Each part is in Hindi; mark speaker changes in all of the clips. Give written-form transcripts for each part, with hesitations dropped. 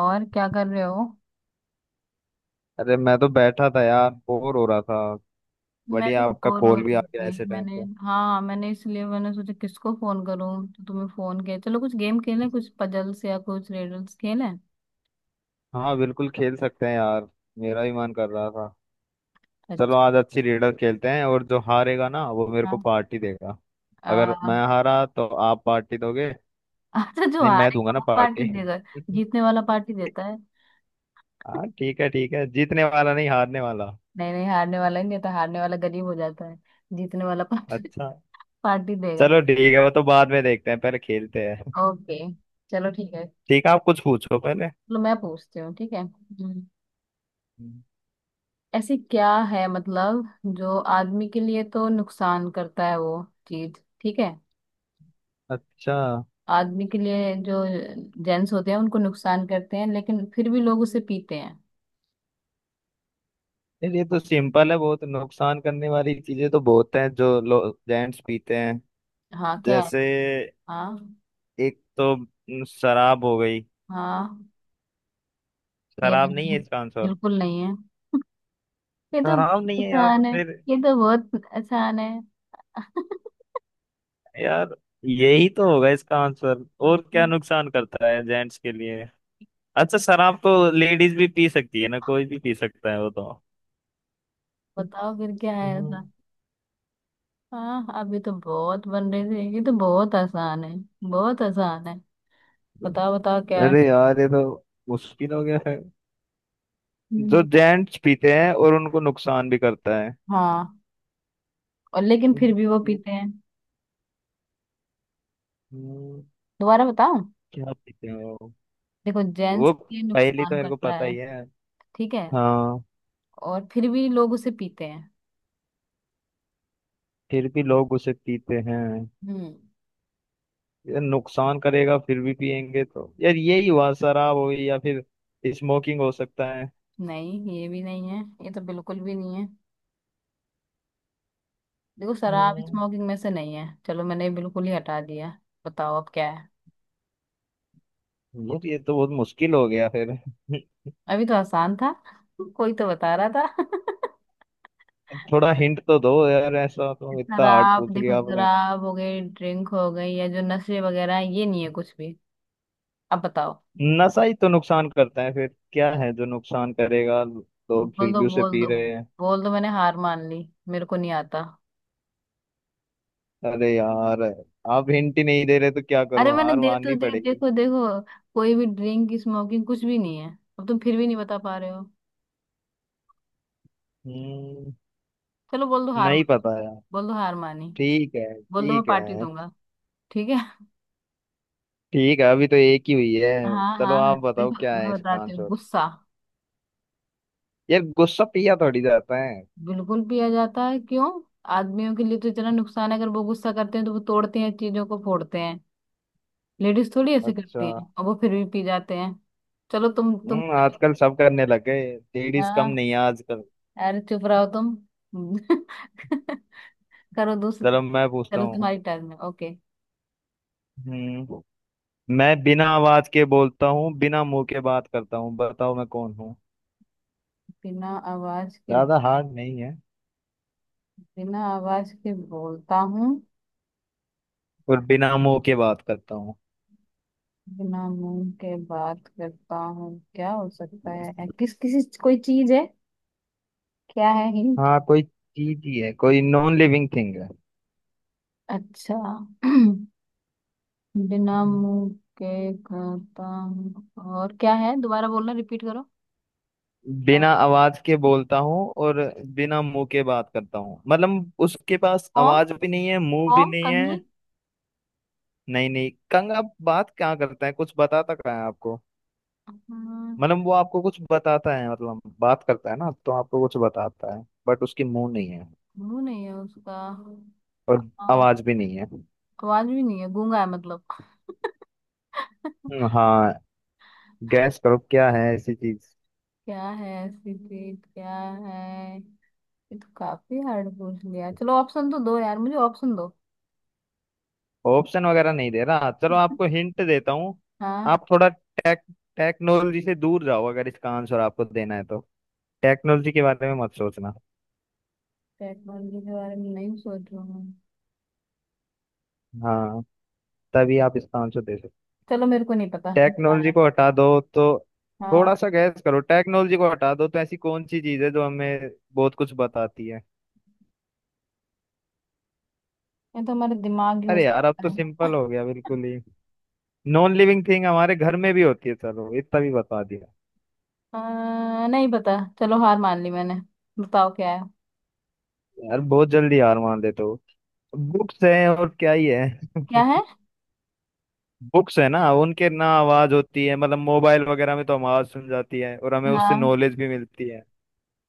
Speaker 1: और क्या कर रहे हो।
Speaker 2: अरे मैं तो बैठा था यार, बोर हो रहा था।
Speaker 1: मैं भी
Speaker 2: बढ़िया आपका
Speaker 1: बोर हो
Speaker 2: कॉल भी आ
Speaker 1: रही
Speaker 2: गया
Speaker 1: थी
Speaker 2: ऐसे टाइम
Speaker 1: मैंने,
Speaker 2: पे।
Speaker 1: हाँ मैंने इसलिए मैंने सोचा किसको फोन करूं, तो तुम्हें फोन किया। चलो कुछ गेम खेलें, कुछ पजल्स या कुछ रिडल्स खेलें।
Speaker 2: हाँ बिल्कुल खेल सकते हैं यार। मेरा भी मन कर रहा था। चलो
Speaker 1: अच्छा।
Speaker 2: आज अच्छी रीडर खेलते हैं और जो हारेगा ना वो मेरे को पार्टी देगा। अगर
Speaker 1: आ,
Speaker 2: मैं हारा तो आप पार्टी दोगे?
Speaker 1: अच्छा, जो
Speaker 2: नहीं मैं
Speaker 1: हारेगा
Speaker 2: दूंगा ना
Speaker 1: वो
Speaker 2: पार्टी
Speaker 1: पार्टी देगा। जीतने वाला पार्टी देता है।
Speaker 2: हाँ ठीक है ठीक है, जीतने वाला नहीं हारने वाला।
Speaker 1: नहीं, नहीं हारने वाला ही नहीं देता, हारने वाला गरीब हो जाता है। जीतने वाला पार्टी,
Speaker 2: अच्छा।
Speaker 1: पार्टी देगा।
Speaker 2: चलो ठीक है, वो तो बाद में देखते हैं, पहले खेलते हैं।
Speaker 1: ओके, चलो ठीक है।
Speaker 2: ठीक है आप कुछ पूछो पहले।
Speaker 1: चलो मैं पूछती हूँ, ठीक है।
Speaker 2: हम्म।
Speaker 1: ऐसी क्या है, मतलब जो आदमी के लिए तो नुकसान करता है वो चीज, ठीक है?
Speaker 2: अच्छा।
Speaker 1: आदमी के लिए जो जेंट्स होते हैं उनको नुकसान करते हैं, लेकिन फिर भी लोग उसे पीते हैं।
Speaker 2: नहीं, ये तो सिंपल है। बहुत नुकसान करने वाली चीजें तो बहुत हैं जो लोग जेंट्स पीते हैं।
Speaker 1: हाँ क्या है?
Speaker 2: जैसे
Speaker 1: हाँ।
Speaker 2: एक तो न, शराब हो गई।
Speaker 1: हाँ, ये
Speaker 2: शराब
Speaker 1: नहीं
Speaker 2: नहीं
Speaker 1: है,
Speaker 2: है इसका आंसर?
Speaker 1: बिल्कुल नहीं है। ये तो
Speaker 2: शराब नहीं है यार
Speaker 1: आसान है,
Speaker 2: फिर?
Speaker 1: ये तो बहुत आसान है।
Speaker 2: यार यही तो होगा इसका आंसर, और क्या नुकसान करता है जेंट्स के लिए। अच्छा शराब तो लेडीज भी पी सकती है ना, कोई भी पी सकता है वो तो।
Speaker 1: बताओ फिर क्या है
Speaker 2: हम्म।
Speaker 1: ऐसा। हाँ, अभी तो बहुत बन रहे थे, ये तो बहुत आसान है, बहुत आसान है। बताओ बताओ क्या है।
Speaker 2: अरे यार ये तो मुश्किल हो गया है। जो
Speaker 1: हम्म,
Speaker 2: जेंट्स पीते हैं और उनको नुकसान भी करता है।
Speaker 1: हाँ, और लेकिन फिर
Speaker 2: हम्म,
Speaker 1: भी वो
Speaker 2: ये-
Speaker 1: पीते हैं।
Speaker 2: हम्म।
Speaker 1: दोबारा बताओं।
Speaker 2: क्या पीते हो?
Speaker 1: देखो जेंट्स
Speaker 2: वो
Speaker 1: के लिए
Speaker 2: पहली तो
Speaker 1: नुकसान
Speaker 2: मेरे को
Speaker 1: करता
Speaker 2: पता
Speaker 1: है,
Speaker 2: ही है।
Speaker 1: ठीक है,
Speaker 2: हाँ
Speaker 1: और फिर भी लोग उसे पीते हैं।
Speaker 2: फिर भी लोग उसे पीते हैं।
Speaker 1: हम्म।
Speaker 2: ये नुकसान करेगा फिर भी पियेंगे तो यार, यही हुआ शराब हुई या फिर स्मोकिंग हो सकता है।
Speaker 1: नहीं, ये भी नहीं है, ये तो बिल्कुल भी नहीं है। देखो, शराब
Speaker 2: हम्म,
Speaker 1: स्मोकिंग में से नहीं है, चलो मैंने बिल्कुल ही हटा दिया। बताओ अब क्या है।
Speaker 2: यार ये तो बहुत मुश्किल हो गया फिर
Speaker 1: अभी तो आसान था, कोई तो बता रहा था।
Speaker 2: थोड़ा हिंट तो दो यार, ऐसा तो इतना हार्ड
Speaker 1: शराब
Speaker 2: पूछ
Speaker 1: देखो,
Speaker 2: लिया आपने।
Speaker 1: शराब हो गई, ड्रिंक हो गई, या जो नशे वगैरह हैं, ये नहीं है कुछ भी। अब बताओ।
Speaker 2: नशा ही तो नुकसान करता है, फिर क्या है जो नुकसान करेगा लोग
Speaker 1: बोल
Speaker 2: फिर
Speaker 1: दो,
Speaker 2: भी उसे
Speaker 1: बोल
Speaker 2: पी
Speaker 1: दो,
Speaker 2: रहे हैं।
Speaker 1: बोल दो, मैंने हार मान ली, मेरे को नहीं आता।
Speaker 2: अरे यार आप हिंट ही नहीं दे रहे तो क्या
Speaker 1: अरे
Speaker 2: करूं,
Speaker 1: मैंने
Speaker 2: हार
Speaker 1: दे तो
Speaker 2: माननी
Speaker 1: दे,
Speaker 2: पड़ेगी।
Speaker 1: देखो देखो, कोई भी ड्रिंक स्मोकिंग कुछ भी नहीं है। अब तुम फिर भी नहीं बता पा रहे हो।
Speaker 2: हम्म,
Speaker 1: चलो बोल दो हार
Speaker 2: नहीं
Speaker 1: मा-,
Speaker 2: पता यार।
Speaker 1: बोल दो हार मानी,
Speaker 2: ठीक है
Speaker 1: बोल दो मैं
Speaker 2: ठीक
Speaker 1: पार्टी
Speaker 2: है।
Speaker 1: दूंगा। ठीक है।
Speaker 2: ठीक है अभी तो एक ही हुई है।
Speaker 1: हाँ
Speaker 2: चलो
Speaker 1: हाँ
Speaker 2: आप बताओ
Speaker 1: देखो,
Speaker 2: क्या
Speaker 1: मैं
Speaker 2: है इसका
Speaker 1: बताती हूँ,
Speaker 2: आंसर।
Speaker 1: गुस्सा।
Speaker 2: यार गुस्सा पिया थोड़ी जाता है।
Speaker 1: बिल्कुल पिया जाता है क्यों। आदमियों के लिए तो इतना नुकसान है, अगर वो गुस्सा करते हैं तो वो तोड़ते हैं, चीजों को फोड़ते हैं। लेडीज थोड़ी ऐसे
Speaker 2: अच्छा।
Speaker 1: करती हैं, और वो फिर भी पी जाते हैं। चलो तुम,
Speaker 2: हम्म, आजकल सब करने लग गए। लेडीज कम
Speaker 1: हाँ,
Speaker 2: नहीं है आजकल।
Speaker 1: अरे चुप रहो तुम। करो दूसरे।
Speaker 2: चलो मैं पूछता
Speaker 1: चलो
Speaker 2: हूँ।
Speaker 1: तुम्हारी टर्न है, ओके।
Speaker 2: हम्म। मैं बिना आवाज के बोलता हूँ, बिना मुंह के बात करता हूँ, बताओ मैं कौन हूँ?
Speaker 1: बिना आवाज के,
Speaker 2: ज्यादा हार्ड नहीं है।
Speaker 1: बिना आवाज के बोलता हूँ,
Speaker 2: और बिना मुंह के बात करता हूँ।
Speaker 1: बिना मुंह के बात करता हूँ, क्या हो सकता है? किस किसी कोई चीज है? क्या है हिंट?
Speaker 2: हाँ कोई चीज ही है, कोई नॉन लिविंग थिंग
Speaker 1: अच्छा। बिना
Speaker 2: है।
Speaker 1: मुंह के करता हूँ, और क्या है, दोबारा बोलना, रिपीट करो। अ,
Speaker 2: बिना आवाज के बोलता हूँ और बिना मुंह के बात करता हूँ, मतलब उसके पास
Speaker 1: फॉर्म,
Speaker 2: आवाज भी नहीं है मुंह भी
Speaker 1: फॉर्म
Speaker 2: नहीं है।
Speaker 1: कंघी।
Speaker 2: नहीं नहीं, कंग आप बात क्या करता है, कुछ बताता क्या है आपको?
Speaker 1: हम्म,
Speaker 2: मतलब वो आपको कुछ बताता है, मतलब बात करता है ना, तो आपको कुछ बताता है बट उसकी मुंह नहीं है
Speaker 1: मुंह नहीं है उसका,
Speaker 2: और
Speaker 1: और
Speaker 2: आवाज भी नहीं है।
Speaker 1: आवाज भी नहीं है, गूंगा है मतलब।
Speaker 2: हाँ। गैस करो क्या है ऐसी चीज।
Speaker 1: क्या है ऐसी चीज? क्या है? ये तो काफी हार्ड पूछ लिया, चलो ऑप्शन तो दो यार, मुझे ऑप्शन दो।
Speaker 2: ऑप्शन वगैरह नहीं दे रहा, चलो आपको हिंट देता हूँ।
Speaker 1: हाँ,
Speaker 2: आप थोड़ा टेक्नोलॉजी से दूर जाओ अगर इसका आंसर आपको देना है तो। टेक्नोलॉजी के बारे में मत सोचना।
Speaker 1: टेक्नोलॉजी के बारे में नहीं सोच रहा हूँ।
Speaker 2: हाँ तभी आप इसका आंसर दे सकते।
Speaker 1: चलो मेरे को नहीं पता
Speaker 2: टेक्नोलॉजी
Speaker 1: हमारा।
Speaker 2: को हटा दो, तो
Speaker 1: हाँ,
Speaker 2: थोड़ा सा गैस करो, टेक्नोलॉजी को हटा दो तो ऐसी कौन सी चीज है जो हमें बहुत कुछ बताती है।
Speaker 1: ये तो हमारे दिमाग ही हो
Speaker 2: अरे यार अब
Speaker 1: सकता
Speaker 2: तो
Speaker 1: है।
Speaker 2: सिंपल हो गया बिल्कुल ही। नॉन लिविंग थिंग हमारे घर में भी होती है, चलो इतना भी बता दिया।
Speaker 1: नहीं पता, चलो हार मान ली मैंने। बताओ क्या है।
Speaker 2: यार बहुत जल्दी हार मान लेते हो। बुक्स हैं और क्या ही है
Speaker 1: क्या है?
Speaker 2: बुक्स है ना, उनके ना आवाज होती है, मतलब मोबाइल वगैरह में तो हम आवाज सुन जाती है और हमें उससे
Speaker 1: हाँ।
Speaker 2: नॉलेज भी मिलती है,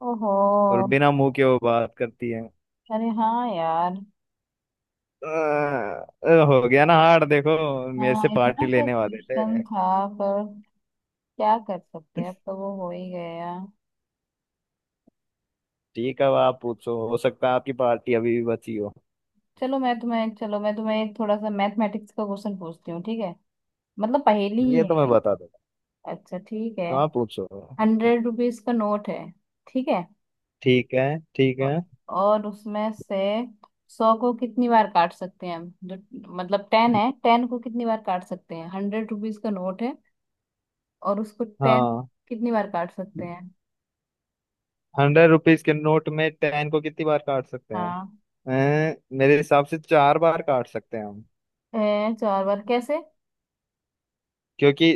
Speaker 1: ओहो।
Speaker 2: और बिना मुंह के वो बात करती है।
Speaker 1: अरे हाँ यार।
Speaker 2: हो गया ना हार देखो, मेरे
Speaker 1: हाँ,
Speaker 2: से पार्टी
Speaker 1: इतना सा
Speaker 2: लेने वाले
Speaker 1: क्वेश्चन
Speaker 2: थे।
Speaker 1: था, पर क्या कर सकते हैं, अब तो वो हो ही गया।
Speaker 2: ठीक है अब आप पूछो, हो सकता है आपकी पार्टी अभी भी बची हो।
Speaker 1: चलो मैं तुम्हें एक थोड़ा सा मैथमेटिक्स का क्वेश्चन पूछती हूँ, ठीक है, मतलब पहेली ही
Speaker 2: ये तो मैं
Speaker 1: है।
Speaker 2: बता दूंगा,
Speaker 1: अच्छा ठीक है।
Speaker 2: तो आप पूछो।
Speaker 1: 100 रुपीज का नोट है, ठीक है,
Speaker 2: ठीक है ठीक
Speaker 1: औ-,
Speaker 2: है।
Speaker 1: और उसमें से सौ को कितनी बार काट सकते हैं हम, जो मतलब 10 है, 10 को कितनी बार काट सकते हैं। 100 रुपीज का नोट है, और उसको 10
Speaker 2: हाँ
Speaker 1: कितनी बार काट सकते हैं?
Speaker 2: 100 रुपीज के नोट में 10 को कितनी बार काट सकते हैं?
Speaker 1: हाँ,
Speaker 2: मेरे हिसाब से चार बार काट सकते हैं।
Speaker 1: है। 4 बार कैसे?
Speaker 2: क्योंकि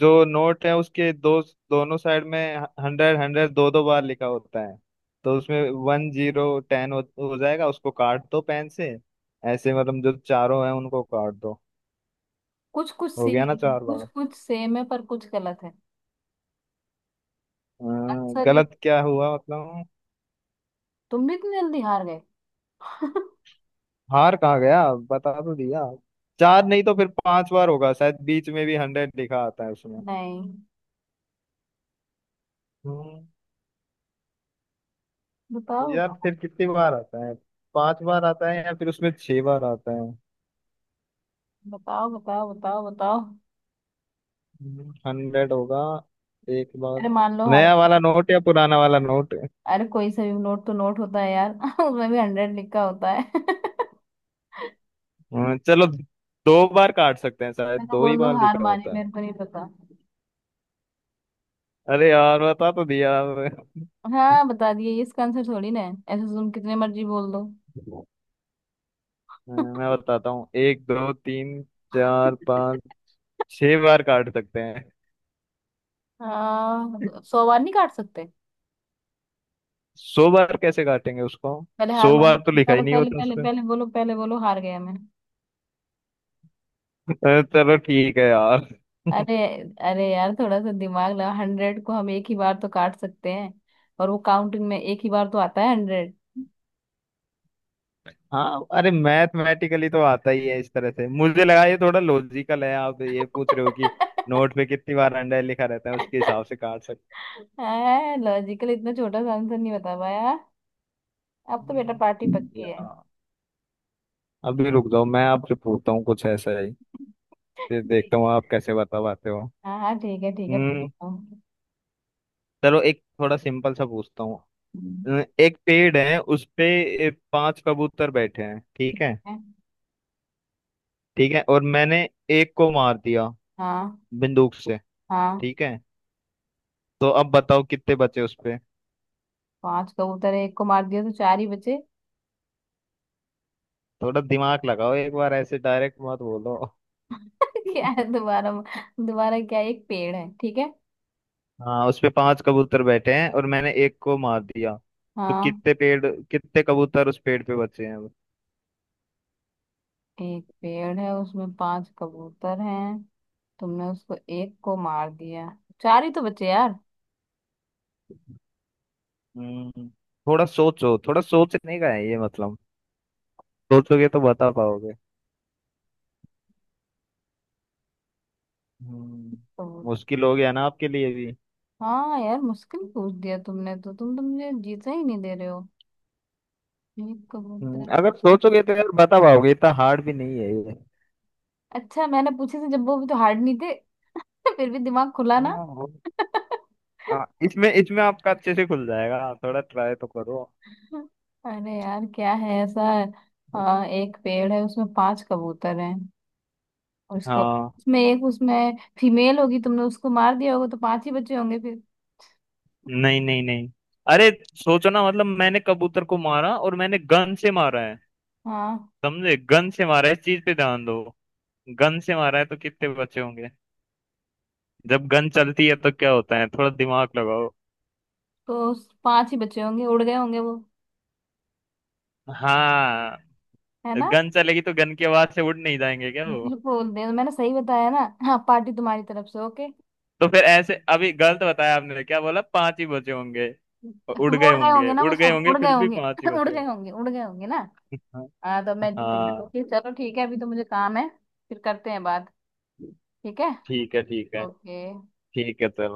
Speaker 2: जो नोट है उसके दो, दोनों साइड में हंड्रेड हंड्रेड दो दो बार लिखा होता है, तो उसमें वन जीरो टेन हो जाएगा, उसको काट दो पेन से। ऐसे मतलब जो चारों हैं उनको काट दो,
Speaker 1: कुछ कुछ
Speaker 2: हो
Speaker 1: सी,
Speaker 2: गया ना चार
Speaker 1: कुछ
Speaker 2: बार।
Speaker 1: कुछ सेम है, पर कुछ गलत है।
Speaker 2: हाँ,
Speaker 1: आंसर ये,
Speaker 2: गलत क्या हुआ मतलब?
Speaker 1: तुम भी इतनी जल्दी हार गए।
Speaker 2: हार कहाँ गया, बता तो दिया। चार नहीं तो फिर पांच बार होगा शायद, बीच में भी 100 लिखा आता है उसमें।
Speaker 1: नहीं,
Speaker 2: हम्म। तो
Speaker 1: बताओ
Speaker 2: यार
Speaker 1: बताओ
Speaker 2: फिर कितनी बार आता है, पांच बार आता है या फिर उसमें छह बार आता है?
Speaker 1: बताओ बताओ बताओ बताओ।
Speaker 2: हंड्रेड होगा एक
Speaker 1: अरे
Speaker 2: बार।
Speaker 1: मान लो हार।
Speaker 2: नया वाला नोट या पुराना वाला नोट?
Speaker 1: अरे कोई सा भी नोट तो नोट होता है यार, उसमें भी 100 लिखा होता है।
Speaker 2: हाँ, चलो दो बार काट सकते हैं शायद,
Speaker 1: मैं तो,
Speaker 2: दो ही
Speaker 1: बोल दो
Speaker 2: बार
Speaker 1: हार
Speaker 2: लिखा
Speaker 1: मानी,
Speaker 2: होता है।
Speaker 1: मेरे को नहीं पता।
Speaker 2: अरे यार बता तो दिया आपने।
Speaker 1: हाँ बता दिए, ये इसका आंसर थोड़ी ना है, ऐसे तुम कितने मर्जी बोल दो।
Speaker 2: हाँ, मैं बताता हूँ एक दो तीन चार पाँच छह बार काट सकते हैं।
Speaker 1: हाँ, 100 बार नहीं काट सकते।
Speaker 2: 100 बार कैसे काटेंगे उसको,
Speaker 1: पहले हार
Speaker 2: सौ
Speaker 1: मान,
Speaker 2: बार तो लिखा
Speaker 1: पहले
Speaker 2: ही नहीं
Speaker 1: पहले
Speaker 2: होता
Speaker 1: पहले
Speaker 2: उसमें।
Speaker 1: पहले बोलो, पहले बोलो हार गया मैं।
Speaker 2: अरे चलो ठीक है यार।
Speaker 1: अरे, अरे यार थोड़ा सा दिमाग लगा, 100 को हम 1 ही बार तो काट सकते हैं, और वो काउंटिंग में 1 ही बार तो आता है, 100।
Speaker 2: हाँ अरे मैथमेटिकली तो आता ही है इस तरह से, मुझे लगा ये थोड़ा लॉजिकल है, आप ये पूछ रहे हो कि नोट पे कितनी बार अंडा लिखा रहता है उसके हिसाब से काट सकते
Speaker 1: है लॉजिकल, इतना छोटा सा आंसर नहीं बता पाया। अब तो
Speaker 2: हैं।
Speaker 1: बेटा पार्टी
Speaker 2: हम्म।
Speaker 1: पक्की है।
Speaker 2: या अभी रुक जाओ, मैं आपसे पूछता हूँ कुछ ऐसा ही, फिर
Speaker 1: ठीक
Speaker 2: देखता हूँ
Speaker 1: है।
Speaker 2: आप कैसे बता पाते हो।
Speaker 1: हाँ हाँ ठीक है ठीक है,
Speaker 2: हम्म।
Speaker 1: पूछता हूँ।
Speaker 2: चलो एक थोड़ा सिंपल सा पूछता हूँ।
Speaker 1: हम्म।
Speaker 2: एक पेड़ है, उस पे पांच कबूतर बैठे हैं, ठीक है?
Speaker 1: है?
Speaker 2: ठीक है और मैंने एक को मार दिया
Speaker 1: हाँ।
Speaker 2: बंदूक से,
Speaker 1: हाँ,
Speaker 2: ठीक है? तो अब बताओ कितने बचे उस पे।
Speaker 1: 5 कबूतर है, एक को मार दिया तो 4 ही बचे।
Speaker 2: थोड़ा दिमाग लगाओ एक बार, ऐसे डायरेक्ट मत बोलो
Speaker 1: क्या है दोबारा? दोबारा क्या है? एक पेड़ है, ठीक है,
Speaker 2: हाँ उस पे पांच कबूतर बैठे हैं और मैंने एक को मार दिया, तो
Speaker 1: हाँ,
Speaker 2: कितने पेड़, कितने कबूतर उस पेड़ पे बचे हैं अब?
Speaker 1: एक पेड़ है उसमें 5 कबूतर हैं, तुमने उसको एक को मार दिया, 4 ही तो बचे यार।
Speaker 2: हम्म। थोड़ा सोचो, थोड़ा सोचने का है ये, मतलब सोचोगे तो बता पाओगे। हम्म।
Speaker 1: कबूतर।
Speaker 2: मुश्किल हो गया ना आपके लिए भी।
Speaker 1: हाँ यार मुश्किल पूछ दिया तुमने, तो तुम तो मुझे जीता ही नहीं दे रहे हो। ये कबूतर है।
Speaker 2: अगर सोचोगे तो यार बता पाओगे, इतना हार्ड भी नहीं है ये।
Speaker 1: अच्छा, मैंने पूछे थे जब, वो भी तो हार्ड नहीं थे। फिर भी दिमाग खुला ना।
Speaker 2: हाँ। हाँ, इसमें इसमें आपका अच्छे से खुल जाएगा, थोड़ा ट्राई तो करो।
Speaker 1: अरे यार क्या है ऐसा। हाँ एक पेड़ है उसमें पांच कबूतर हैं, उसको
Speaker 2: हाँ
Speaker 1: उसमें एक, उसमें फीमेल होगी, तुमने उसको मार दिया होगा, तो 5 ही बचे होंगे फिर।
Speaker 2: नहीं नहीं नहीं, अरे सोचो ना, मतलब मैंने कबूतर को मारा और मैंने गन से मारा है,
Speaker 1: हाँ,
Speaker 2: समझे गन से मारा है, इस चीज पे ध्यान दो। गन से मारा है तो कितने बचे होंगे? जब गन चलती है तो क्या होता है, थोड़ा दिमाग लगाओ।
Speaker 1: तो उस 5 ही बचे होंगे, उड़ गए होंगे वो,
Speaker 2: हाँ
Speaker 1: है ना।
Speaker 2: गन चलेगी तो गन की आवाज से उड़ नहीं जाएंगे क्या वो?
Speaker 1: बिल्कुल दे, मैंने सही बताया ना। हाँ, पार्टी तुम्हारी तरफ से, ओके।
Speaker 2: तो फिर ऐसे अभी गलत बताया आपने, क्या बोला पांच ही बचे होंगे? उड़
Speaker 1: वो
Speaker 2: गए
Speaker 1: उड़ गए
Speaker 2: होंगे
Speaker 1: होंगे ना, वो
Speaker 2: उड़ गए
Speaker 1: सब
Speaker 2: होंगे
Speaker 1: उड़ गए
Speaker 2: फिर भी
Speaker 1: होंगे।
Speaker 2: पांच ही बचे होंगे।
Speaker 1: उड़ गए होंगे ना।
Speaker 2: हाँ।
Speaker 1: हाँ तो मैं,
Speaker 2: हाँ,
Speaker 1: चलो, ठीक है, अभी तो मुझे काम है, फिर करते हैं बात, ठीक है,
Speaker 2: ठीक है ठीक है।
Speaker 1: ओके।
Speaker 2: ठीक है चलो।